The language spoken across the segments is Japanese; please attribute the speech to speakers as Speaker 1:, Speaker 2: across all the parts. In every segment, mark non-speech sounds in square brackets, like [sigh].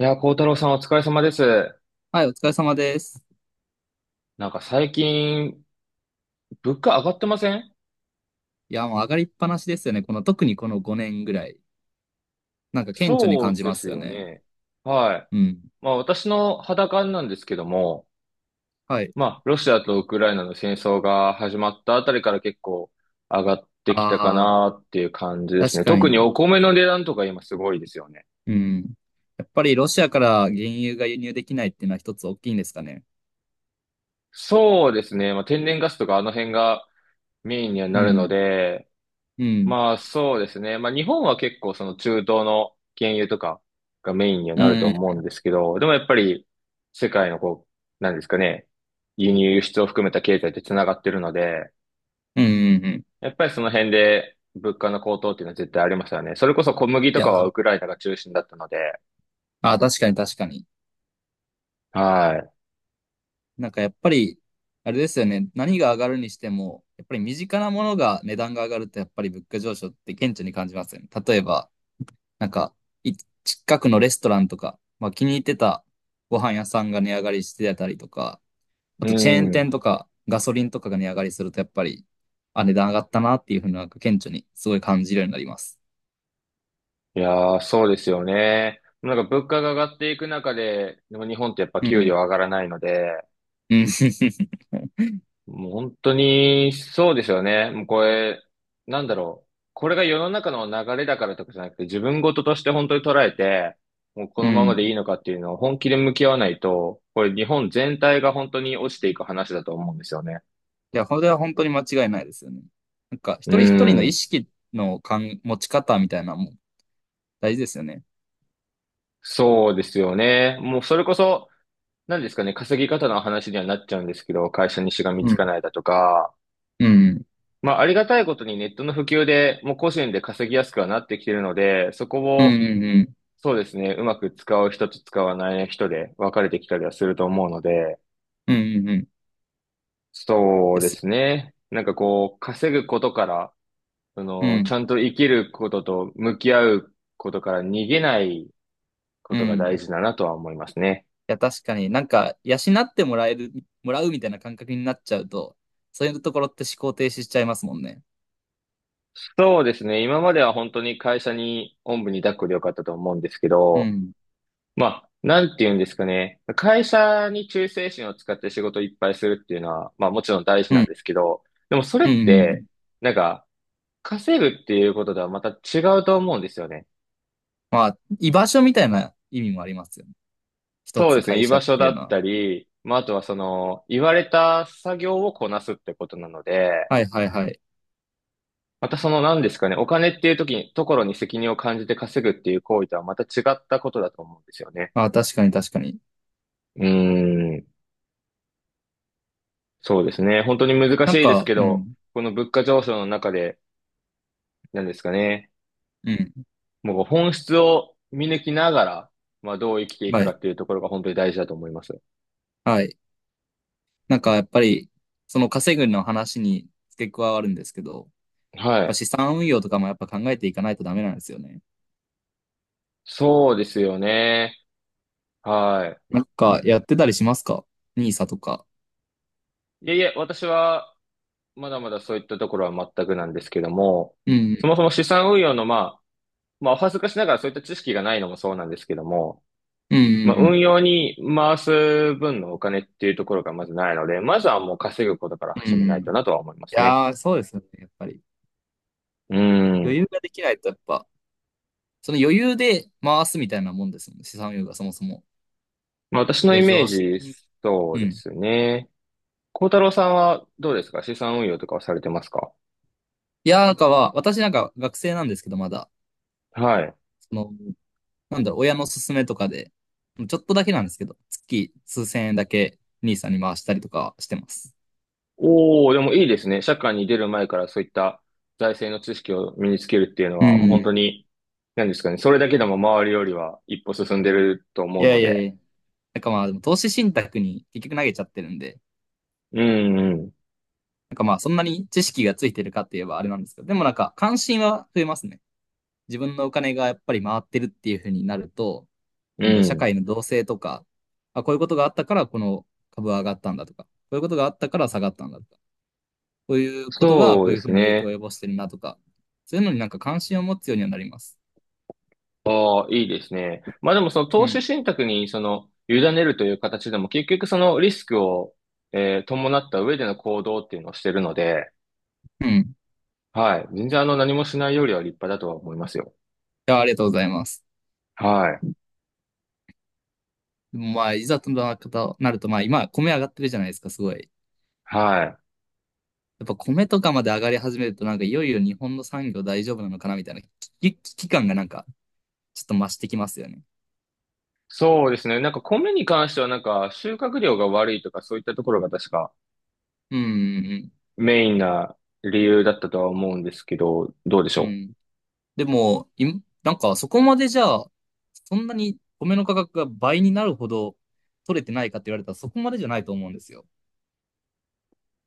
Speaker 1: いやー、幸太郎さんお疲れ様です。
Speaker 2: はい、お疲れ様です。
Speaker 1: なんか最近、物価上がってません？
Speaker 2: いや、もう上がりっぱなしですよね。この、特にこの5年ぐらい。なんか顕著に
Speaker 1: そ
Speaker 2: 感
Speaker 1: う
Speaker 2: じ
Speaker 1: で
Speaker 2: ま
Speaker 1: す
Speaker 2: すよ
Speaker 1: よ
Speaker 2: ね。
Speaker 1: ね。はい。
Speaker 2: うん。
Speaker 1: まあ私の肌感なんですけども、
Speaker 2: はい。
Speaker 1: まあロシアとウクライナの戦争が始まったあたりから結構上がってきたか
Speaker 2: ああ、
Speaker 1: なっていう感じです
Speaker 2: 確
Speaker 1: ね。
Speaker 2: か
Speaker 1: 特
Speaker 2: に。
Speaker 1: にお米の値段とか今すごいですよね。
Speaker 2: うん。やっぱりロシアから原油が輸入できないっていうのは一つ大きいんですかね。
Speaker 1: そうですね。まあ天然ガスとかあの辺がメインには
Speaker 2: う
Speaker 1: なるの
Speaker 2: ん。
Speaker 1: で、
Speaker 2: うん。
Speaker 1: まあそうですね。まあ日本は結構その中東の原油とかがメインには
Speaker 2: う
Speaker 1: なると
Speaker 2: ん。
Speaker 1: 思うんですけど、でもやっぱり世界のこう、なんですかね、輸入輸出を含めた経済って繋がってるので、
Speaker 2: うん。うん。うん
Speaker 1: やっぱりその辺で物価の高騰っていうのは絶対ありますよね。それこそ小麦
Speaker 2: い
Speaker 1: とか
Speaker 2: や、
Speaker 1: はウ
Speaker 2: あ
Speaker 1: クライナが中心だったので、
Speaker 2: あ、確かに確かに。
Speaker 1: は
Speaker 2: なんかやっぱり、あれですよね。何が上がるにしても、やっぱり身近なものが値段が上がると、やっぱり物価上昇って顕著に感じますよね。例えば、なんか、い近くのレストランとか、まあ気に入ってたご飯屋さんが値上がりしてたりとか、あ
Speaker 1: い。う
Speaker 2: とチェーン
Speaker 1: ん。
Speaker 2: 店とかガソリンとかが値上がりするとやっぱり、あ、値段上がったなっていうふうになんか顕著にすごい感じるようになります。
Speaker 1: いやー、そうですよね。なんか物価が上がっていく中で、でも日本ってやっぱ
Speaker 2: う
Speaker 1: 給料
Speaker 2: ん。
Speaker 1: 上がらないので、
Speaker 2: うん。[laughs]
Speaker 1: もう本当に、そうですよね。もうこれ、なんだろう。これが世の中の流れだからとかじゃなくて、自分事として本当に捉えて、もうこ
Speaker 2: う
Speaker 1: のまま
Speaker 2: ん。
Speaker 1: でいいのかっていうのを本気で向き合わないと、これ日本全体が本当に落ちていく話だと思うんですよね。
Speaker 2: いや、これは本当に間違いないですよね。なんか、一
Speaker 1: う
Speaker 2: 人一人の意
Speaker 1: ん。
Speaker 2: 識の感持ち方みたいなのも大事ですよね。
Speaker 1: そうですよね。もうそれこそ、何ですかね、稼ぎ方の話にはなっちゃうんですけど、会社にしがみ
Speaker 2: う
Speaker 1: つ
Speaker 2: ん。
Speaker 1: かないだとか、
Speaker 2: うん。
Speaker 1: まあありがたいことにネットの普及で、もう個人で稼ぎやすくはなってきてるので、そこ
Speaker 2: う
Speaker 1: を、
Speaker 2: ん。うん。
Speaker 1: そうですね。うまく使う人と使わない人で分かれてきたりはすると思うので、
Speaker 2: うん。うん。うんうん
Speaker 1: そう
Speaker 2: で
Speaker 1: で
Speaker 2: す。
Speaker 1: すね。なんかこう、稼ぐことから、そ
Speaker 2: う
Speaker 1: の、ち
Speaker 2: ん。
Speaker 1: ゃんと生きることと向き合うことから逃げないこ
Speaker 2: う
Speaker 1: とが大
Speaker 2: ん。
Speaker 1: 事だなとは思いますね。
Speaker 2: いや、確かになんか、養ってもらえる、もらうみたいな感覚になっちゃうと、そういうところって思考停止しちゃいますもんね。
Speaker 1: そうですね。今までは本当に会社におんぶに抱っこでよかったと思うんですけ
Speaker 2: う
Speaker 1: ど、
Speaker 2: ん。
Speaker 1: まあ、なんて言うんですかね。会社に忠誠心を使って仕事をいっぱいするっていうのは、まあもちろん大事
Speaker 2: う
Speaker 1: なん
Speaker 2: ん。
Speaker 1: ですけど、でもそれ
Speaker 2: うん。
Speaker 1: っ
Speaker 2: う
Speaker 1: て、
Speaker 2: ん
Speaker 1: なんか、稼ぐっていうこととはまた違うと思うんですよね。
Speaker 2: まあ、居場所みたいな意味もありますよね。一
Speaker 1: そう
Speaker 2: つ
Speaker 1: ですね。
Speaker 2: 会
Speaker 1: 居
Speaker 2: 社っ
Speaker 1: 場所
Speaker 2: てい
Speaker 1: だ
Speaker 2: うの
Speaker 1: っ
Speaker 2: は。
Speaker 1: たり、まあ、あとはその、言われた作業をこなすってことなので、
Speaker 2: はいはいはい。
Speaker 1: またその何ですかね、お金っていう時に、ところに責任を感じて稼ぐっていう行為とはまた違ったことだと思うんですよね。
Speaker 2: まあ、確かに確かに。
Speaker 1: うーん。そうですね。本当に難し
Speaker 2: なん
Speaker 1: いです
Speaker 2: か、
Speaker 1: け
Speaker 2: う
Speaker 1: ど、
Speaker 2: ん。
Speaker 1: この物価上昇の中で、何ですかね、
Speaker 2: うん。
Speaker 1: もう本質を見抜きながら、まあ、どう生きていく
Speaker 2: は
Speaker 1: か
Speaker 2: い。
Speaker 1: っていうところが本当に大事だと思います。
Speaker 2: はい。なんかやっぱり、その稼ぐの話に付け加わるんですけど、
Speaker 1: は
Speaker 2: まあ
Speaker 1: い。
Speaker 2: 資産運用とかもやっぱ考えていかないとダメなんですよね。
Speaker 1: そうですよね。は
Speaker 2: なんかやってたりしますかニーサとか。
Speaker 1: い。いえいえ、私は、まだまだそういったところは全くなんですけども、
Speaker 2: う
Speaker 1: そもそ
Speaker 2: ん。
Speaker 1: も資産運用の、まあ、お恥ずかしながらそういった知識がないのもそうなんですけども、
Speaker 2: うんうん
Speaker 1: まあ、
Speaker 2: うん
Speaker 1: 運用に回す分のお金っていうところがまずないので、まずはもう稼ぐことから
Speaker 2: う
Speaker 1: 始めない
Speaker 2: ん。
Speaker 1: と
Speaker 2: い
Speaker 1: なとは思いますね。
Speaker 2: やー、そうですよね、やっぱり。
Speaker 1: う
Speaker 2: 余
Speaker 1: ん。
Speaker 2: 裕ができないと、やっぱ、その余裕で回すみたいなもんですもんね、資産運用がそもそも。
Speaker 1: まあ、私
Speaker 2: い
Speaker 1: のイ
Speaker 2: や、
Speaker 1: メー
Speaker 2: 常識的
Speaker 1: ジ、
Speaker 2: に。
Speaker 1: そ
Speaker 2: う
Speaker 1: うで
Speaker 2: ん。
Speaker 1: すね。幸太郎さんはどうですか？資産運用とかはされてますか？
Speaker 2: いやー、なんかは、私なんか学生なんですけど、まだ、
Speaker 1: はい。
Speaker 2: その、なんだろう、親の勧めとかで、ちょっとだけなんですけど、月数千円だけ兄さんに回したりとかしてます。
Speaker 1: おお、でもいいですね。社会に出る前からそういった財政の知識を身につけるっていうの
Speaker 2: う
Speaker 1: は、もう本当
Speaker 2: ん。
Speaker 1: に、何ですかね。それだけでも周りよりは一歩進んでると
Speaker 2: い
Speaker 1: 思う
Speaker 2: や
Speaker 1: の
Speaker 2: いや
Speaker 1: で。
Speaker 2: いや。なんかまあ、でも投資信託に結局投げちゃってるんで、
Speaker 1: うん、うん、
Speaker 2: なんかまあ、そんなに知識がついてるかって言えばあれなんですけど、でもなんか関心は増えますね。自分のお金がやっぱり回ってるっていうふうになると、
Speaker 1: う
Speaker 2: なんだ、社
Speaker 1: ん。
Speaker 2: 会の動静とか、あ、こういうことがあったからこの株は上がったんだとか、こういうことがあったから下がったんだとか、こういうことが
Speaker 1: そ
Speaker 2: こ
Speaker 1: う
Speaker 2: う
Speaker 1: で
Speaker 2: いうふ
Speaker 1: す
Speaker 2: うに影響を
Speaker 1: ね。
Speaker 2: 及ぼしてるなとか、そういうのになんか関心を持つようにはなります。
Speaker 1: ああ、いいですね。まあでもその
Speaker 2: う
Speaker 1: 投資
Speaker 2: ん。
Speaker 1: 信託にその、委ねるという形でも結局そのリスクを、伴った上での行動っていうのをしてるので、
Speaker 2: うん。い
Speaker 1: はい。全然何もしないよりは立派だとは思いますよ。
Speaker 2: や、ありがとうございます。
Speaker 1: はい。
Speaker 2: でもまあ、いざとななると、まあ今、米上がってるじゃないですか、すごい。
Speaker 1: はい。
Speaker 2: やっぱ米とかまで上がり始めると、なんかいよいよ日本の産業大丈夫なのかなみたいな危機感がなんかちょっと増してきますよね。
Speaker 1: そうですね。なんか米に関してはなんか収穫量が悪いとかそういったところが確か
Speaker 2: うんうん
Speaker 1: メインな理由だったとは思うんですけど、どうでし
Speaker 2: うん。う
Speaker 1: ょ
Speaker 2: ん。
Speaker 1: う。
Speaker 2: でも、い、なんかそこまでじゃあ、そんなに米の価格が倍になるほど取れてないかって言われたらそこまでじゃないと思うんですよ。やっ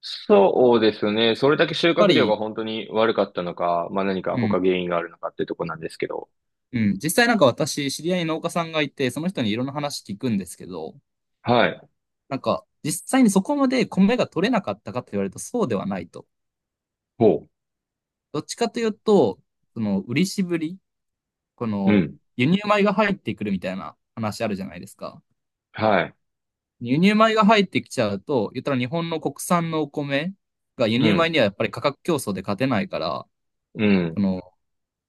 Speaker 1: そうですね。それだけ収
Speaker 2: ぱ
Speaker 1: 穫量が
Speaker 2: り、
Speaker 1: 本当に悪かったのか、まあ何か
Speaker 2: う
Speaker 1: 他
Speaker 2: ん、
Speaker 1: 原因があるのかってとこなんですけど。
Speaker 2: うん。実際なんか私、知り合いに農家さんがいて、その人にいろんな話聞くんですけど、
Speaker 1: はい。
Speaker 2: なんか実際にそこまで米が取れなかったかって言われるとそうではないと。
Speaker 1: ほ
Speaker 2: どっちかというと、その売りしぶり、こ
Speaker 1: う。う
Speaker 2: の
Speaker 1: ん。
Speaker 2: 輸入米が入ってくるみたいな話あるじゃないですか。
Speaker 1: はい。
Speaker 2: 輸入米が入ってきちゃうと、言ったら日本の国産のお米が輸
Speaker 1: う
Speaker 2: 入米
Speaker 1: ん。
Speaker 2: にはやっぱり価格競争で勝てないから、
Speaker 1: う
Speaker 2: そ
Speaker 1: ん。
Speaker 2: の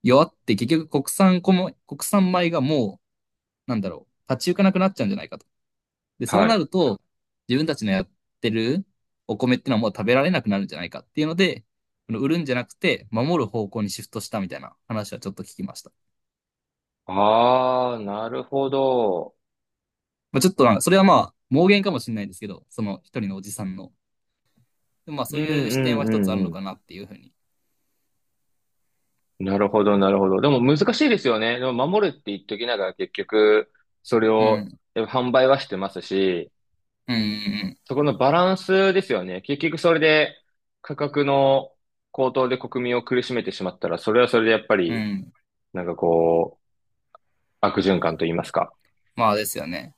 Speaker 2: 弱って結局国産米がもう、なんだろう、立ち行かなくなっちゃうんじゃないかと。で、そう
Speaker 1: は
Speaker 2: な
Speaker 1: い。
Speaker 2: ると、自分たちのやってるお米ってのはもう食べられなくなるんじゃないかっていうので、この売るんじゃなくて、守る方向にシフトしたみたいな話はちょっと聞きました。
Speaker 1: ああ、なるほど。
Speaker 2: まあ、ちょっとなんか、それはまあ、妄言かもしれないですけど、その一人のおじさんの。でもまあ、
Speaker 1: う
Speaker 2: そう
Speaker 1: ん、う
Speaker 2: いう視点は一つある
Speaker 1: ん、
Speaker 2: の
Speaker 1: うん。
Speaker 2: かなっていうふうに。
Speaker 1: なるほど、なるほど。でも難しいですよね。でも守るって言っときながら結局、それ
Speaker 2: う
Speaker 1: を
Speaker 2: ん。
Speaker 1: 販売はしてますし、
Speaker 2: うんうん
Speaker 1: そこのバランスですよね。結局それで価格の高騰で国民を苦しめてしまったら、それはそれでやっぱ
Speaker 2: うん。
Speaker 1: り、
Speaker 2: うん
Speaker 1: なんかこう、悪循環と言いますか。
Speaker 2: まあですよね。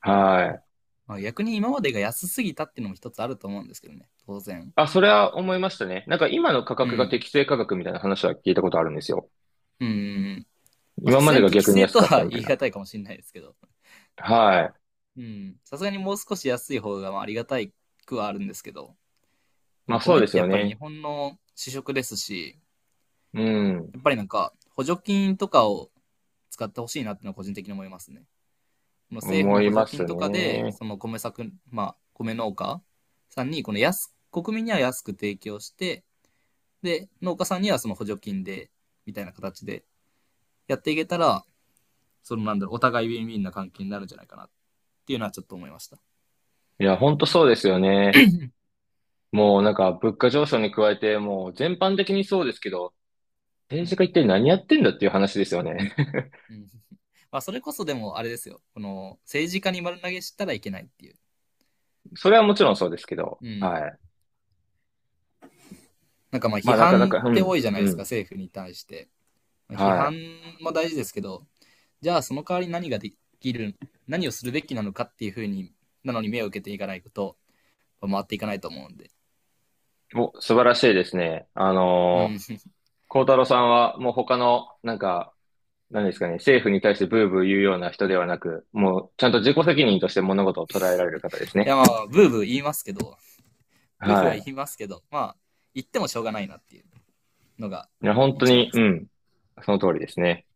Speaker 1: はい。
Speaker 2: まあ、逆に今までが安すぎたっていうのも一つあると思うんですけどね。当然。
Speaker 1: あ、それは思いましたね。なんか今の価
Speaker 2: う
Speaker 1: 格が
Speaker 2: ん。
Speaker 1: 適正価格みたいな話は聞いたことあるんですよ。
Speaker 2: うんうんうん。まあ
Speaker 1: 今
Speaker 2: さす
Speaker 1: ま
Speaker 2: が
Speaker 1: で
Speaker 2: に
Speaker 1: が
Speaker 2: 適
Speaker 1: 逆に
Speaker 2: 正
Speaker 1: 安
Speaker 2: と
Speaker 1: かった
Speaker 2: は [laughs]
Speaker 1: みた
Speaker 2: 言
Speaker 1: い
Speaker 2: い
Speaker 1: な。
Speaker 2: 難いかもしれないですけど。
Speaker 1: はい。
Speaker 2: うん。さすがにもう少し安い方がまあありがたいくはあるんですけど。で
Speaker 1: ま
Speaker 2: も
Speaker 1: あそう
Speaker 2: 米っ
Speaker 1: です
Speaker 2: てや
Speaker 1: よ
Speaker 2: っぱり日
Speaker 1: ね。
Speaker 2: 本の主食ですし、
Speaker 1: うん。
Speaker 2: やっぱりなんか補助金とかを使ってほしいなっていうのは個人的に思いますね。この政府
Speaker 1: 思
Speaker 2: の
Speaker 1: い
Speaker 2: 補
Speaker 1: ま
Speaker 2: 助金
Speaker 1: す
Speaker 2: とかで、
Speaker 1: ね。
Speaker 2: その米作、まあ米農家さんにこの安、国民には安く提供して、で、農家さんにはその補助金で、みたいな形でやっていけたら、そのなんだろう、お互いウィンウィンな関係になるんじゃないかなっていうのはちょっと思いました。
Speaker 1: いや、ほんとそうですよね。もうなんか物価上昇に加えて、もう全般的にそうですけど、
Speaker 2: う
Speaker 1: 政治家
Speaker 2: ん。
Speaker 1: 一体何やってんだっていう話ですよね。
Speaker 2: うん。[laughs] まあ、それこそでもあれですよ。この、政治家に丸投げしたらいけないっていう。
Speaker 1: [laughs] それはもちろんそうですけど、
Speaker 2: うん。
Speaker 1: はい。
Speaker 2: なんかまあ、
Speaker 1: ま
Speaker 2: 批
Speaker 1: あなかなか、
Speaker 2: 判っ
Speaker 1: う
Speaker 2: て
Speaker 1: ん、
Speaker 2: 多いじゃない
Speaker 1: う
Speaker 2: ですか、
Speaker 1: ん、
Speaker 2: 政府に対して。まあ批
Speaker 1: は
Speaker 2: 判
Speaker 1: い。
Speaker 2: も大事ですけど、じゃあその代わり何ができる、何をするべきなのかっていうふうに、なのに目を受けていかないこと、回っていかないと思うんで。
Speaker 1: お、素晴らしいですね。
Speaker 2: うん。[laughs] い
Speaker 1: 孝太郎さんはもう他の、なんか、何ですかね、政府に対してブーブー言うような人ではなく、もうちゃんと自己責任として物事を捉えられる方ですね。
Speaker 2: やまあ、ブーブー言いますけど、ブフ
Speaker 1: は
Speaker 2: は言
Speaker 1: い。
Speaker 2: いますけど、まあ、言ってもしょうがないなっていうのが
Speaker 1: いや、本当
Speaker 2: 一番
Speaker 1: に、
Speaker 2: で
Speaker 1: う
Speaker 2: すね。
Speaker 1: ん、その通りですね。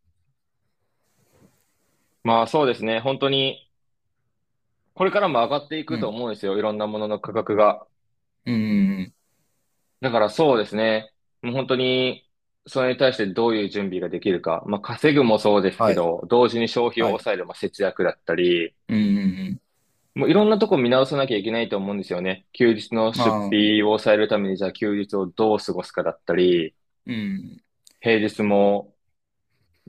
Speaker 1: まあそうですね、本当に、これからも上がってい
Speaker 2: う
Speaker 1: くと
Speaker 2: ん。
Speaker 1: 思うんですよ。いろんなものの価格が。
Speaker 2: うんうんうん。
Speaker 1: だからそうですね。もう本当に、それに対してどういう準備ができるか。まあ、稼ぐもそうです
Speaker 2: は
Speaker 1: け
Speaker 2: い。
Speaker 1: ど、同時に消費を
Speaker 2: はい。
Speaker 1: 抑える、まあ、節約だったり、
Speaker 2: うんうんうん。
Speaker 1: もういろんなとこ見直さなきゃいけないと思うんですよね。休日の
Speaker 2: ま
Speaker 1: 出
Speaker 2: あ、
Speaker 1: 費を抑えるために、じゃあ休日をどう過ごすかだったり、
Speaker 2: うん。
Speaker 1: 平日も、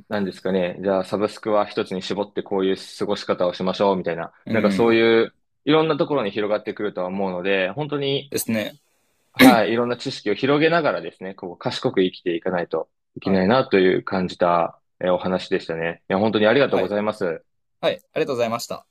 Speaker 1: 何ですかね。じゃあサブスクは一つに絞ってこういう過ごし方をしましょう、みたいな。
Speaker 2: う
Speaker 1: なんかそう
Speaker 2: ん。
Speaker 1: いう、いろんなところに広がってくるとは思うので、本当に、
Speaker 2: ですね。
Speaker 1: はい、いろんな知識を広げながらですね、こう、賢く生きていかないといけ
Speaker 2: は
Speaker 1: ない
Speaker 2: い。
Speaker 1: なという感じた、お話でしたね。いや、本当にありがとう
Speaker 2: は
Speaker 1: ご
Speaker 2: い。
Speaker 1: ざいます。
Speaker 2: はい。ありがとうございました。